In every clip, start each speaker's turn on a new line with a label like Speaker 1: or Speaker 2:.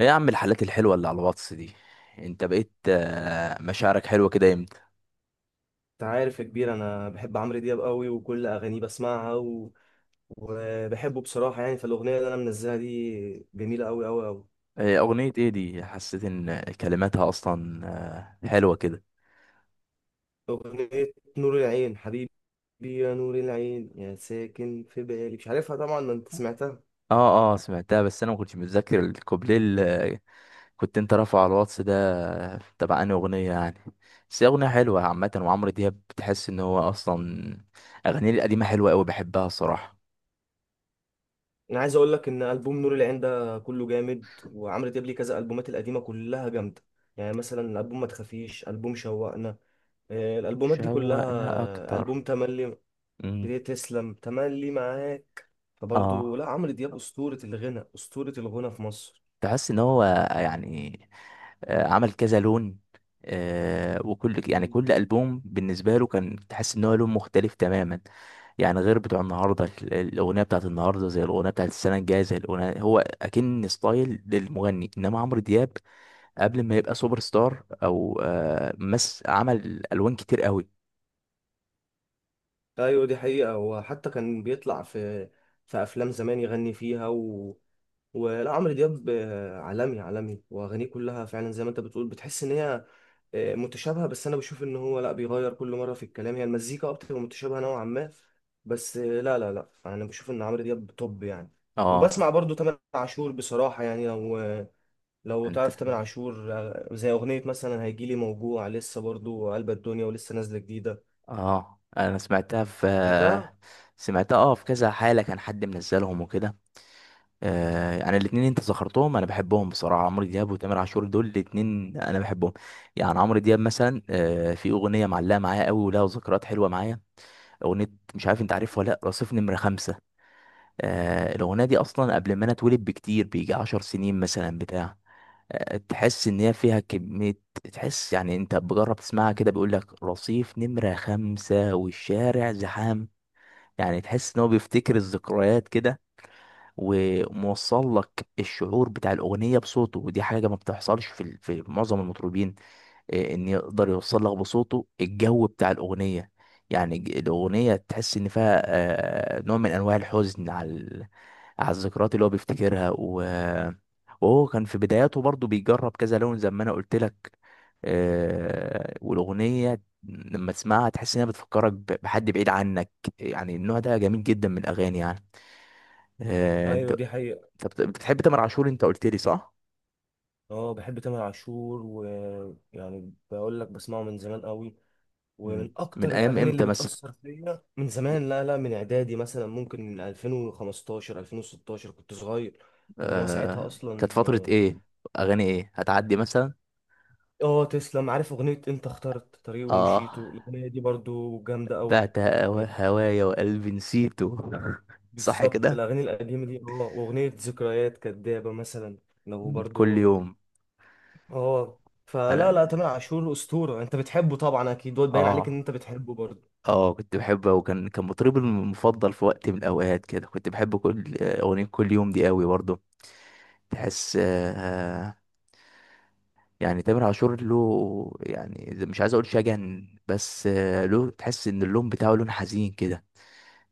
Speaker 1: ايه يا عم الحالات الحلوة اللي على الواتس دي؟ انت بقيت مشاعرك حلوة كده امتى؟
Speaker 2: انت عارف يا كبير، انا بحب عمرو دياب قوي وكل اغانيه بسمعها و... وبحبه بصراحه. يعني فالاغنيه اللي انا منزلها دي جميله قوي قوي قوي.
Speaker 1: اغنية ايه دي حسيت ان كلماتها اصلا حلوة كده.
Speaker 2: اغنيه نور العين حبيبي، يا نور العين يا ساكن في بالي. مش عارفها طبعا، ما انت سمعتها.
Speaker 1: اه سمعتها، بس انا ما كنتش متذكر الكوبليه اللي كنت انت رافعه على الواتس ده تبع انهي اغنية يعني. بس هي اغنية حلوة عامة، وعمرو دياب بتحس ان هو اصلا اغانيه القديمة حلوة قوي، بحبها الصراحة.
Speaker 2: انا عايز اقول لك ان البوم نور العين ده كله جامد، وعمرو دياب ليه كذا البومات القديمه كلها جامده. يعني مثلا البوم ما تخافيش، البوم شوقنا، الالبومات دي
Speaker 1: شوقنا
Speaker 2: كلها،
Speaker 1: اكتر.
Speaker 2: البوم تملي.
Speaker 1: امم.
Speaker 2: بدي تسلم تملي معاك. فبرضه
Speaker 1: اه،
Speaker 2: لا، عمرو دياب أسطورة الغنى، أسطورة الغنى في مصر.
Speaker 1: تحس ان هو يعني عمل كذا لون. وكل يعني
Speaker 2: مم.
Speaker 1: كل ألبوم بالنسبة له كان تحس ان هو لون مختلف تماما. يعني غير بتوع النهارده الأغنية بتاعت النهارده زي الأغنية بتاعت السنة الجاية زي الأغنية، هو أكن ستايل للمغني، إنما عمرو دياب قبل ما يبقى سوبر ستار أو مس، عمل ألوان كتير قوي.
Speaker 2: ايوه دي حقيقة. وحتى كان بيطلع في افلام زمان يغني فيها و... ولا عمرو دياب عالمي عالمي، واغانيه كلها فعلا زي ما انت بتقول، بتحس ان هي متشابهة. بس انا بشوف ان هو لا، بيغير كل مرة في الكلام، هي المزيكا اكتر متشابهة نوعا ما. بس لا لا لا انا بشوف ان عمرو دياب توب يعني.
Speaker 1: اه.
Speaker 2: وبسمع برضو تامر عاشور بصراحة، يعني لو
Speaker 1: انت.
Speaker 2: تعرف تامر عاشور، زي أغنية مثلا هيجيلي موجوع، لسه برضو قلب الدنيا، ولسه نازلة جديدة.
Speaker 1: اه، انا سمعتها في
Speaker 2: سمعتها؟
Speaker 1: سمعتها، اه، في كذا حالة كان حد منزلهم وكده. يعني الاثنين انت ذكرتهم انا بحبهم بصراحه، عمرو دياب وتامر عاشور دول الاثنين انا بحبهم. يعني عمرو دياب مثلا في اغنيه معلقه معايا قوي ولها ذكريات حلوه معايا. اغنيه مش عارف انت عارفها ولا لا، رصيف نمره خمسة. الاغنيه دي اصلا قبل ما انا اتولد بكتير، بيجي 10 سنين مثلا بتاع. تحس ان هي فيها كميه. تحس يعني انت بجرب تسمعها كده، بيقول لك رصيف نمره خمسة والشارع زحام. يعني تحس ان هو بيفتكر الذكريات كده، وموصل لك الشعور بتاع الاغنيه بصوته، ودي حاجه ما بتحصلش في معظم المطربين. ان يقدر يوصل لك بصوته الجو بتاع الاغنيه. يعني الاغنيه تحس ان فيها نوع من انواع الحزن على على الذكريات اللي هو بيفتكرها وهو كان في بداياته برضو بيجرب كذا لون زي ما انا قلت لك. والاغنيه لما تسمعها تحس انها بتفكرك بحد بعيد عنك. يعني النوع ده جميل جدا من الاغاني يعني. انت.
Speaker 2: ايوه دي حقيقة.
Speaker 1: طب بتحب تامر عاشور؟ انت قلت لي صح؟
Speaker 2: اه، بحب تامر عاشور، ويعني بقول لك بسمعه من زمان قوي،
Speaker 1: مم.
Speaker 2: ومن
Speaker 1: من
Speaker 2: اكتر
Speaker 1: ايام
Speaker 2: الاغاني اللي
Speaker 1: امتى مثلا؟
Speaker 2: بتأثر فيا من زمان. لا لا، من اعدادي مثلا، ممكن من 2015 2016 كنت صغير. كان هو ساعتها
Speaker 1: آه...
Speaker 2: اصلا
Speaker 1: كانت فترة ايه؟ اغاني ايه هتعدي مثلا؟
Speaker 2: تسلم. عارف اغنية انت اخترت طريق
Speaker 1: اه.
Speaker 2: ومشيته؟ الاغنية دي برضو جامدة قوي.
Speaker 1: بعت هوايا وقلبي نسيته. صح
Speaker 2: بالظبط
Speaker 1: كده.
Speaker 2: الأغاني القديمة دي، وأغنية ذكريات كدابة مثلا، لو
Speaker 1: كل
Speaker 2: برضو.
Speaker 1: يوم.
Speaker 2: اه، فلا لا
Speaker 1: انا.
Speaker 2: تامر عاشور أسطورة. أنت بتحبه طبعا أكيد، وباين عليك
Speaker 1: اه
Speaker 2: إن أنت بتحبه برضو.
Speaker 1: اه كنت بحبه، وكان مطربي المفضل في وقت من الاوقات كده، كنت بحب كل اغنية، كل يوم دي قوي برضه. تحس يعني تامر عاشور له يعني مش عايز اقول شجن، بس له تحس ان اللون بتاعه لون حزين كده.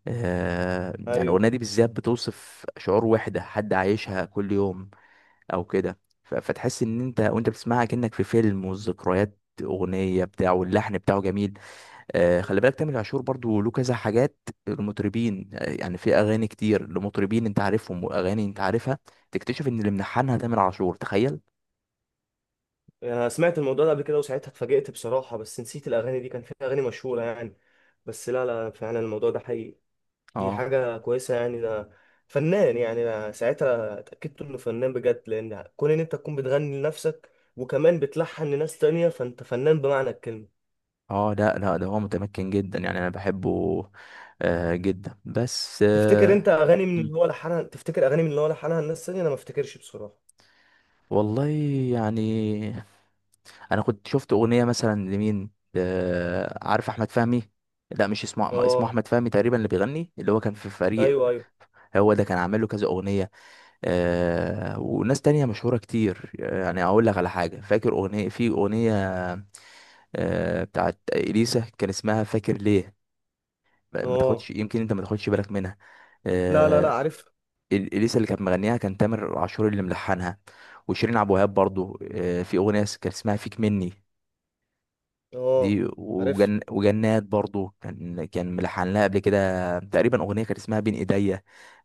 Speaker 1: يعني الاغنيه
Speaker 2: أيوه.
Speaker 1: دي بالذات بتوصف شعور وحده حد عايشها كل يوم او كده. فتحس ان انت وانت بتسمعها كأنك في فيلم، والذكريات اغنيه بتاعه واللحن بتاعه جميل. خلي بالك تامر عاشور برضو له كذا حاجات. المطربين يعني في اغاني كتير لمطربين انت عارفهم واغاني انت عارفها تكتشف ان اللي ملحنها تامر عاشور، تخيل.
Speaker 2: أنا سمعت الموضوع ده قبل كده وساعتها اتفاجئت بصراحة، بس نسيت الأغاني دي، كان فيها أغاني مشهورة يعني. بس لا لا فعلا الموضوع ده حقيقي. دي
Speaker 1: اه
Speaker 2: حاجة كويسة يعني. ده فنان، يعني أنا ساعتها اتأكدت إنه فنان بجد، لأن كون إن أنت تكون بتغني لنفسك وكمان بتلحن لناس تانية، فأنت فنان بمعنى الكلمة.
Speaker 1: اه، لا لا، ده هو متمكن جدا يعني، انا بحبه، آه، جدا، بس مم.
Speaker 2: تفتكر اغاني من اللي هو لحنها الناس الثانيه؟ انا ما افتكرش بصراحه.
Speaker 1: والله. يعني، انا كنت شفت اغنية مثلا لمين، عارف احمد فهمي؟ لا، مش اسمه اسمه
Speaker 2: اه.
Speaker 1: احمد فهمي تقريبا، اللي بيغني، اللي هو كان في فريق.
Speaker 2: ايوه ايوه.
Speaker 1: هو ده كان عامل له كذا اغنية. وناس تانية مشهورة كتير، يعني اقول لك على حاجة، فاكر اغنية، في اغنية بتاعت اليسا كان اسمها فاكر ليه. ما
Speaker 2: اه،
Speaker 1: تاخدش، يمكن انت ما تاخدش بالك منها.
Speaker 2: لا لا لا
Speaker 1: آه،
Speaker 2: عارف.
Speaker 1: اليسا اللي كانت مغنيها، كان تامر عاشور اللي ملحنها. وشيرين عبد الوهاب برضو في اغنيه كان اسمها فيك مني.
Speaker 2: اه
Speaker 1: دي
Speaker 2: عارف.
Speaker 1: وجن وجنات، برضو كان ملحن لها قبل كده تقريبا اغنيه كانت اسمها بين ايديا.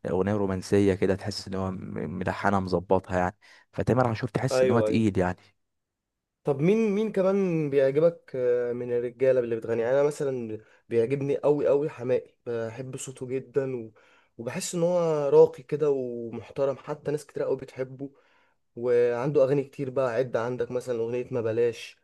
Speaker 1: اغنيه رومانسيه كده تحس ان هو ملحنها مظبطها يعني. فتامر عاشور تحس ان هو
Speaker 2: ايوه ايوه.
Speaker 1: تقيل يعني.
Speaker 2: طب مين كمان بيعجبك من الرجاله اللي بتغني؟ يعني انا مثلا بيعجبني قوي قوي حماقي، بحب صوته جدا و... وبحس ان هو راقي كده ومحترم، حتى ناس كتير قوي بتحبه. وعنده اغاني كتير بقى. عد عندك مثلا اغنيه ما بلاش،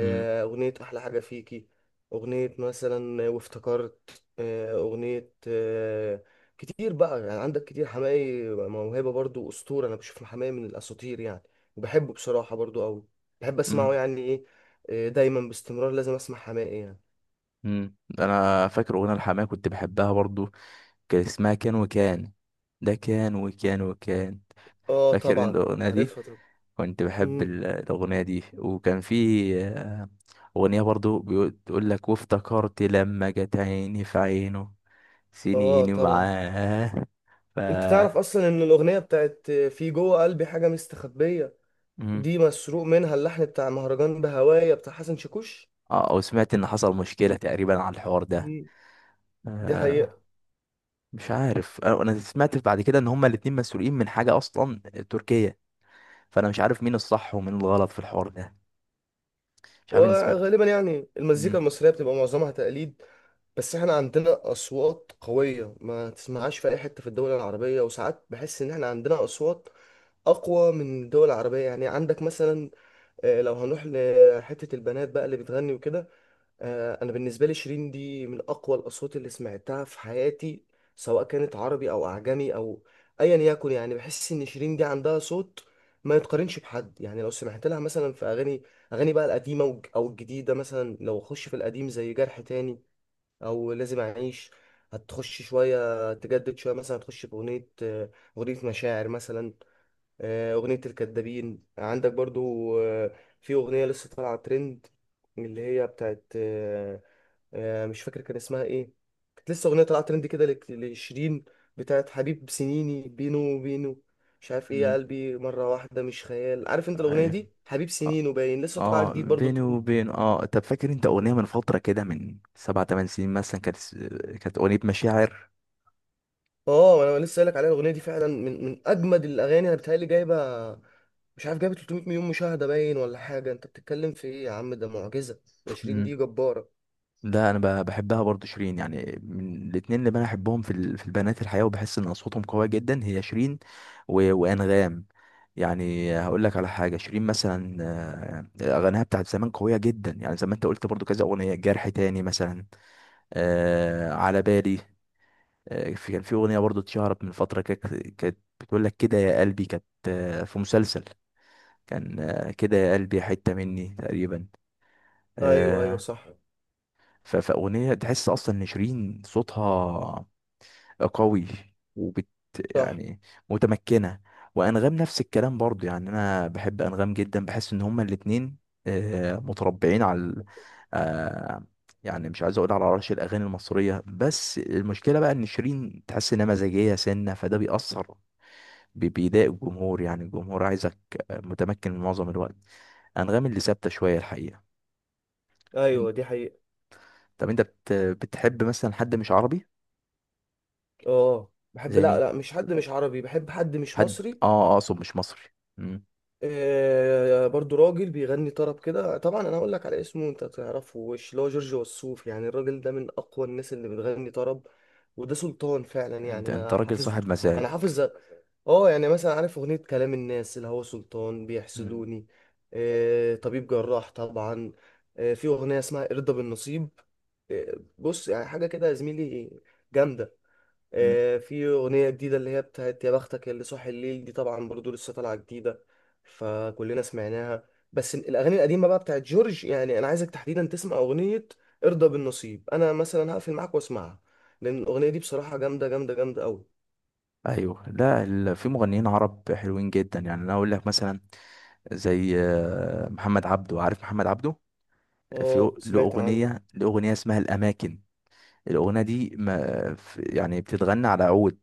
Speaker 1: امم.
Speaker 2: اغنيه احلى حاجه فيكي، اغنيه مثلا وافتكرت، اغنيه، كتير بقى يعني عندك كتير حماقي. موهبه برضو، اسطوره، انا بشوف حماقي من الاساطير يعني، وبحبه بصراحه برضو قوي. بحب اسمعه
Speaker 1: امم.
Speaker 2: يعني ايه، دايما باستمرار لازم اسمع حماقي يعني.
Speaker 1: انا فاكر اغنيه الحماية كنت بحبها برضو، كان اسمها كان وكان، ده كان وكان وكان.
Speaker 2: اه
Speaker 1: فاكر انت
Speaker 2: طبعا.
Speaker 1: الاغنيه دي؟
Speaker 2: عارفها طبعا.
Speaker 1: كنت بحب
Speaker 2: مم.
Speaker 1: الأغنية دي، وكان في آه، أغنية برضو بتقول لك وافتكرت لما جت عيني في عينه،
Speaker 2: اه
Speaker 1: سنيني
Speaker 2: طبعا.
Speaker 1: معاه. ف
Speaker 2: انت تعرف اصلا ان الاغنيه بتاعت في جوه قلبي حاجه مستخبيه،
Speaker 1: مم.
Speaker 2: دي مسروق منها اللحن بتاع مهرجان بهوايا بتاع حسن شاكوش.
Speaker 1: اه، وسمعت ان حصل مشكلة تقريبا على الحوار ده.
Speaker 2: مم. دي حقيقة.
Speaker 1: آه مش عارف أنا سمعت بعد كده ان هما الاتنين مسؤولين من حاجة اصلا تركية، فانا مش عارف مين الصح ومين الغلط في الحوار ده. مش عارف ان اسم.
Speaker 2: وغالبا يعني المزيكا
Speaker 1: مم.
Speaker 2: المصرية بتبقى معظمها تقليد. بس احنا عندنا أصوات قوية ما تسمعهاش في أي حتة في الدول العربية، وساعات بحس إن احنا عندنا أصوات أقوى من الدول العربية. يعني عندك مثلا لو هنروح لحتة البنات بقى اللي بتغني وكده، انا بالنسبه لي شيرين دي من اقوى الاصوات اللي سمعتها في حياتي، سواء كانت عربي او اعجمي او ايا يكن. يعني بحس ان شيرين دي عندها صوت ما يتقارنش بحد. يعني لو سمعت لها مثلا في اغاني بقى القديمه او الجديده، مثلا لو اخش في القديم زي جرح تاني او لازم اعيش، هتخش شويه تجدد شويه مثلا، هتخش في اغنيه اغنيه مشاعر مثلا، اغنيه الكدابين عندك برضو، آه، في اغنيه لسه طالعه ترند اللي هي بتاعت مش فاكر كان اسمها ايه، كانت لسه اغنيه طلعت ترند كده لشيرين، بتاعت حبيب سنيني بينو بينو، مش عارف ايه يا
Speaker 1: مم.
Speaker 2: قلبي، مره واحده مش خيال. عارف انت الاغنيه
Speaker 1: ايوه.
Speaker 2: دي حبيب سنينه؟ باين لسه طالعه
Speaker 1: اه،
Speaker 2: جديد برضو
Speaker 1: بيني
Speaker 2: ترند.
Speaker 1: وبين طب، فاكر انت اغنيه من فتره كده من سبع تمن سنين مثلا، كانت كانت اغنيه مشاعر.
Speaker 2: اه انا لسه قايلك عليها، الاغنيه دي فعلا من اجمد الاغاني. انا بتهيألي جايبه، مش عارف، جايبه 300 مليون مشاهده باين ولا حاجه. انت بتتكلم في ايه يا عم، ده معجزه، ده شيرين
Speaker 1: مم.
Speaker 2: دي جباره.
Speaker 1: ده انا بحبها برضو شيرين، يعني من الاتنين اللي انا احبهم في البنات الحقيقه، وبحس ان اصواتهم قويه جدا، هي شيرين وانغام. يعني هقول لك على حاجه، شيرين مثلا اغانيها بتاعت زمان قويه جدا، يعني زي ما انت قلت برضو، كذا اغنيه جرح تاني مثلا، على بالي. كان في اغنيه برضو اتشهرت من فتره، كانت بتقول لك كده يا قلبي، كانت في مسلسل. كان كده يا قلبي حته مني تقريبا.
Speaker 2: ايوه ايوه
Speaker 1: آه،
Speaker 2: صح.
Speaker 1: فاغنيه تحس اصلا ان شيرين صوتها قوي وبت
Speaker 2: صح.
Speaker 1: يعني متمكنه. وانغام نفس الكلام برضو، يعني انا بحب انغام جدا، بحس ان هما الاتنين متربعين على آه، يعني مش عايز اقول على عرش الاغاني المصريه. بس المشكله بقى ان شيرين تحس انها مزاجيه سنه، فده بيأثر، بيضايق الجمهور، يعني الجمهور عايزك متمكن معظم الوقت. انغام اللي ثابته شويه الحقيقه. انت.
Speaker 2: ايوه دي حقيقه.
Speaker 1: طب انت بتحب مثلا حد مش عربي؟
Speaker 2: اه بحب،
Speaker 1: زي
Speaker 2: لا
Speaker 1: مين،
Speaker 2: لا، مش حد مش عربي، بحب حد مش
Speaker 1: حد
Speaker 2: مصري.
Speaker 1: اه اقصد مش مصري. مم.
Speaker 2: برضو راجل بيغني طرب كده طبعا، انا هقول لك على اسمه، انت تعرفه وش، اللي هو جورج وسوف. يعني الراجل ده من اقوى الناس اللي بتغني طرب، وده سلطان فعلا، يعني
Speaker 1: انت
Speaker 2: انا
Speaker 1: راجل
Speaker 2: حافظ.
Speaker 1: صاحب مزاج.
Speaker 2: انا حافظ. اه، يعني مثلا عارف اغنية كلام الناس اللي هو سلطان
Speaker 1: مم.
Speaker 2: بيحسدوني، طبيب جراح طبعا، في اغنية اسمها ارضى بالنصيب، بص يعني حاجة كده يا زميلي جامدة،
Speaker 1: مم.
Speaker 2: في أغنية جديدة اللي هي بتاعت يا بختك يا اللي صاحي الليل، دي طبعا برضو لسه طالعة جديدة فكلنا سمعناها. بس الأغاني القديمة بقى بتاعت جورج، يعني أنا عايزك تحديدا تسمع أغنية ارضى بالنصيب. أنا مثلا هقفل معاك واسمعها، لأن الأغنية دي بصراحة جامدة جامدة جامدة أوي.
Speaker 1: ايوه. لا، في مغنيين عرب حلوين جدا، يعني انا اقول لك مثلا زي محمد عبده، عارف محمد عبده؟ في
Speaker 2: آه،
Speaker 1: له
Speaker 2: سمعت عنه.
Speaker 1: اغنيه، اسمها الاماكن. الأغنية دي ما يعني بتتغنى على عود،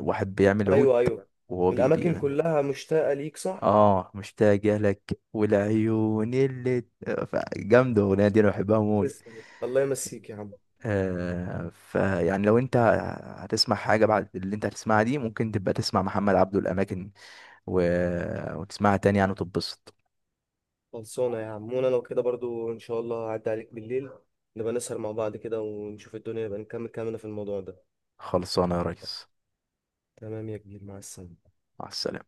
Speaker 1: واحد بيعمل عود
Speaker 2: أيوه أيوه.
Speaker 1: وهو
Speaker 2: الأماكن
Speaker 1: بيغني.
Speaker 2: كلها مشتاقة ليك، صح؟
Speaker 1: اه، مشتاقة لك والعيون اللي جامدة، الأغنية دي أنا بحبها موت.
Speaker 2: تسلم الله يمسيك يا عم.
Speaker 1: فيعني لو أنت هتسمع حاجة بعد اللي أنت هتسمعها دي، ممكن تبقى تسمع محمد عبده الأماكن و... وتسمعها تاني يعني وتتبسط.
Speaker 2: خلصانة يا عم، وأنا لو كده برضو إن شاء الله هعدي عليك بالليل، نبقى نسهر مع بعض كده ونشوف الدنيا، نبقى نكمل كلامنا في الموضوع ده.
Speaker 1: خلصانة يا ريس.
Speaker 2: تمام يا كبير، مع السلامة.
Speaker 1: مع السلامة.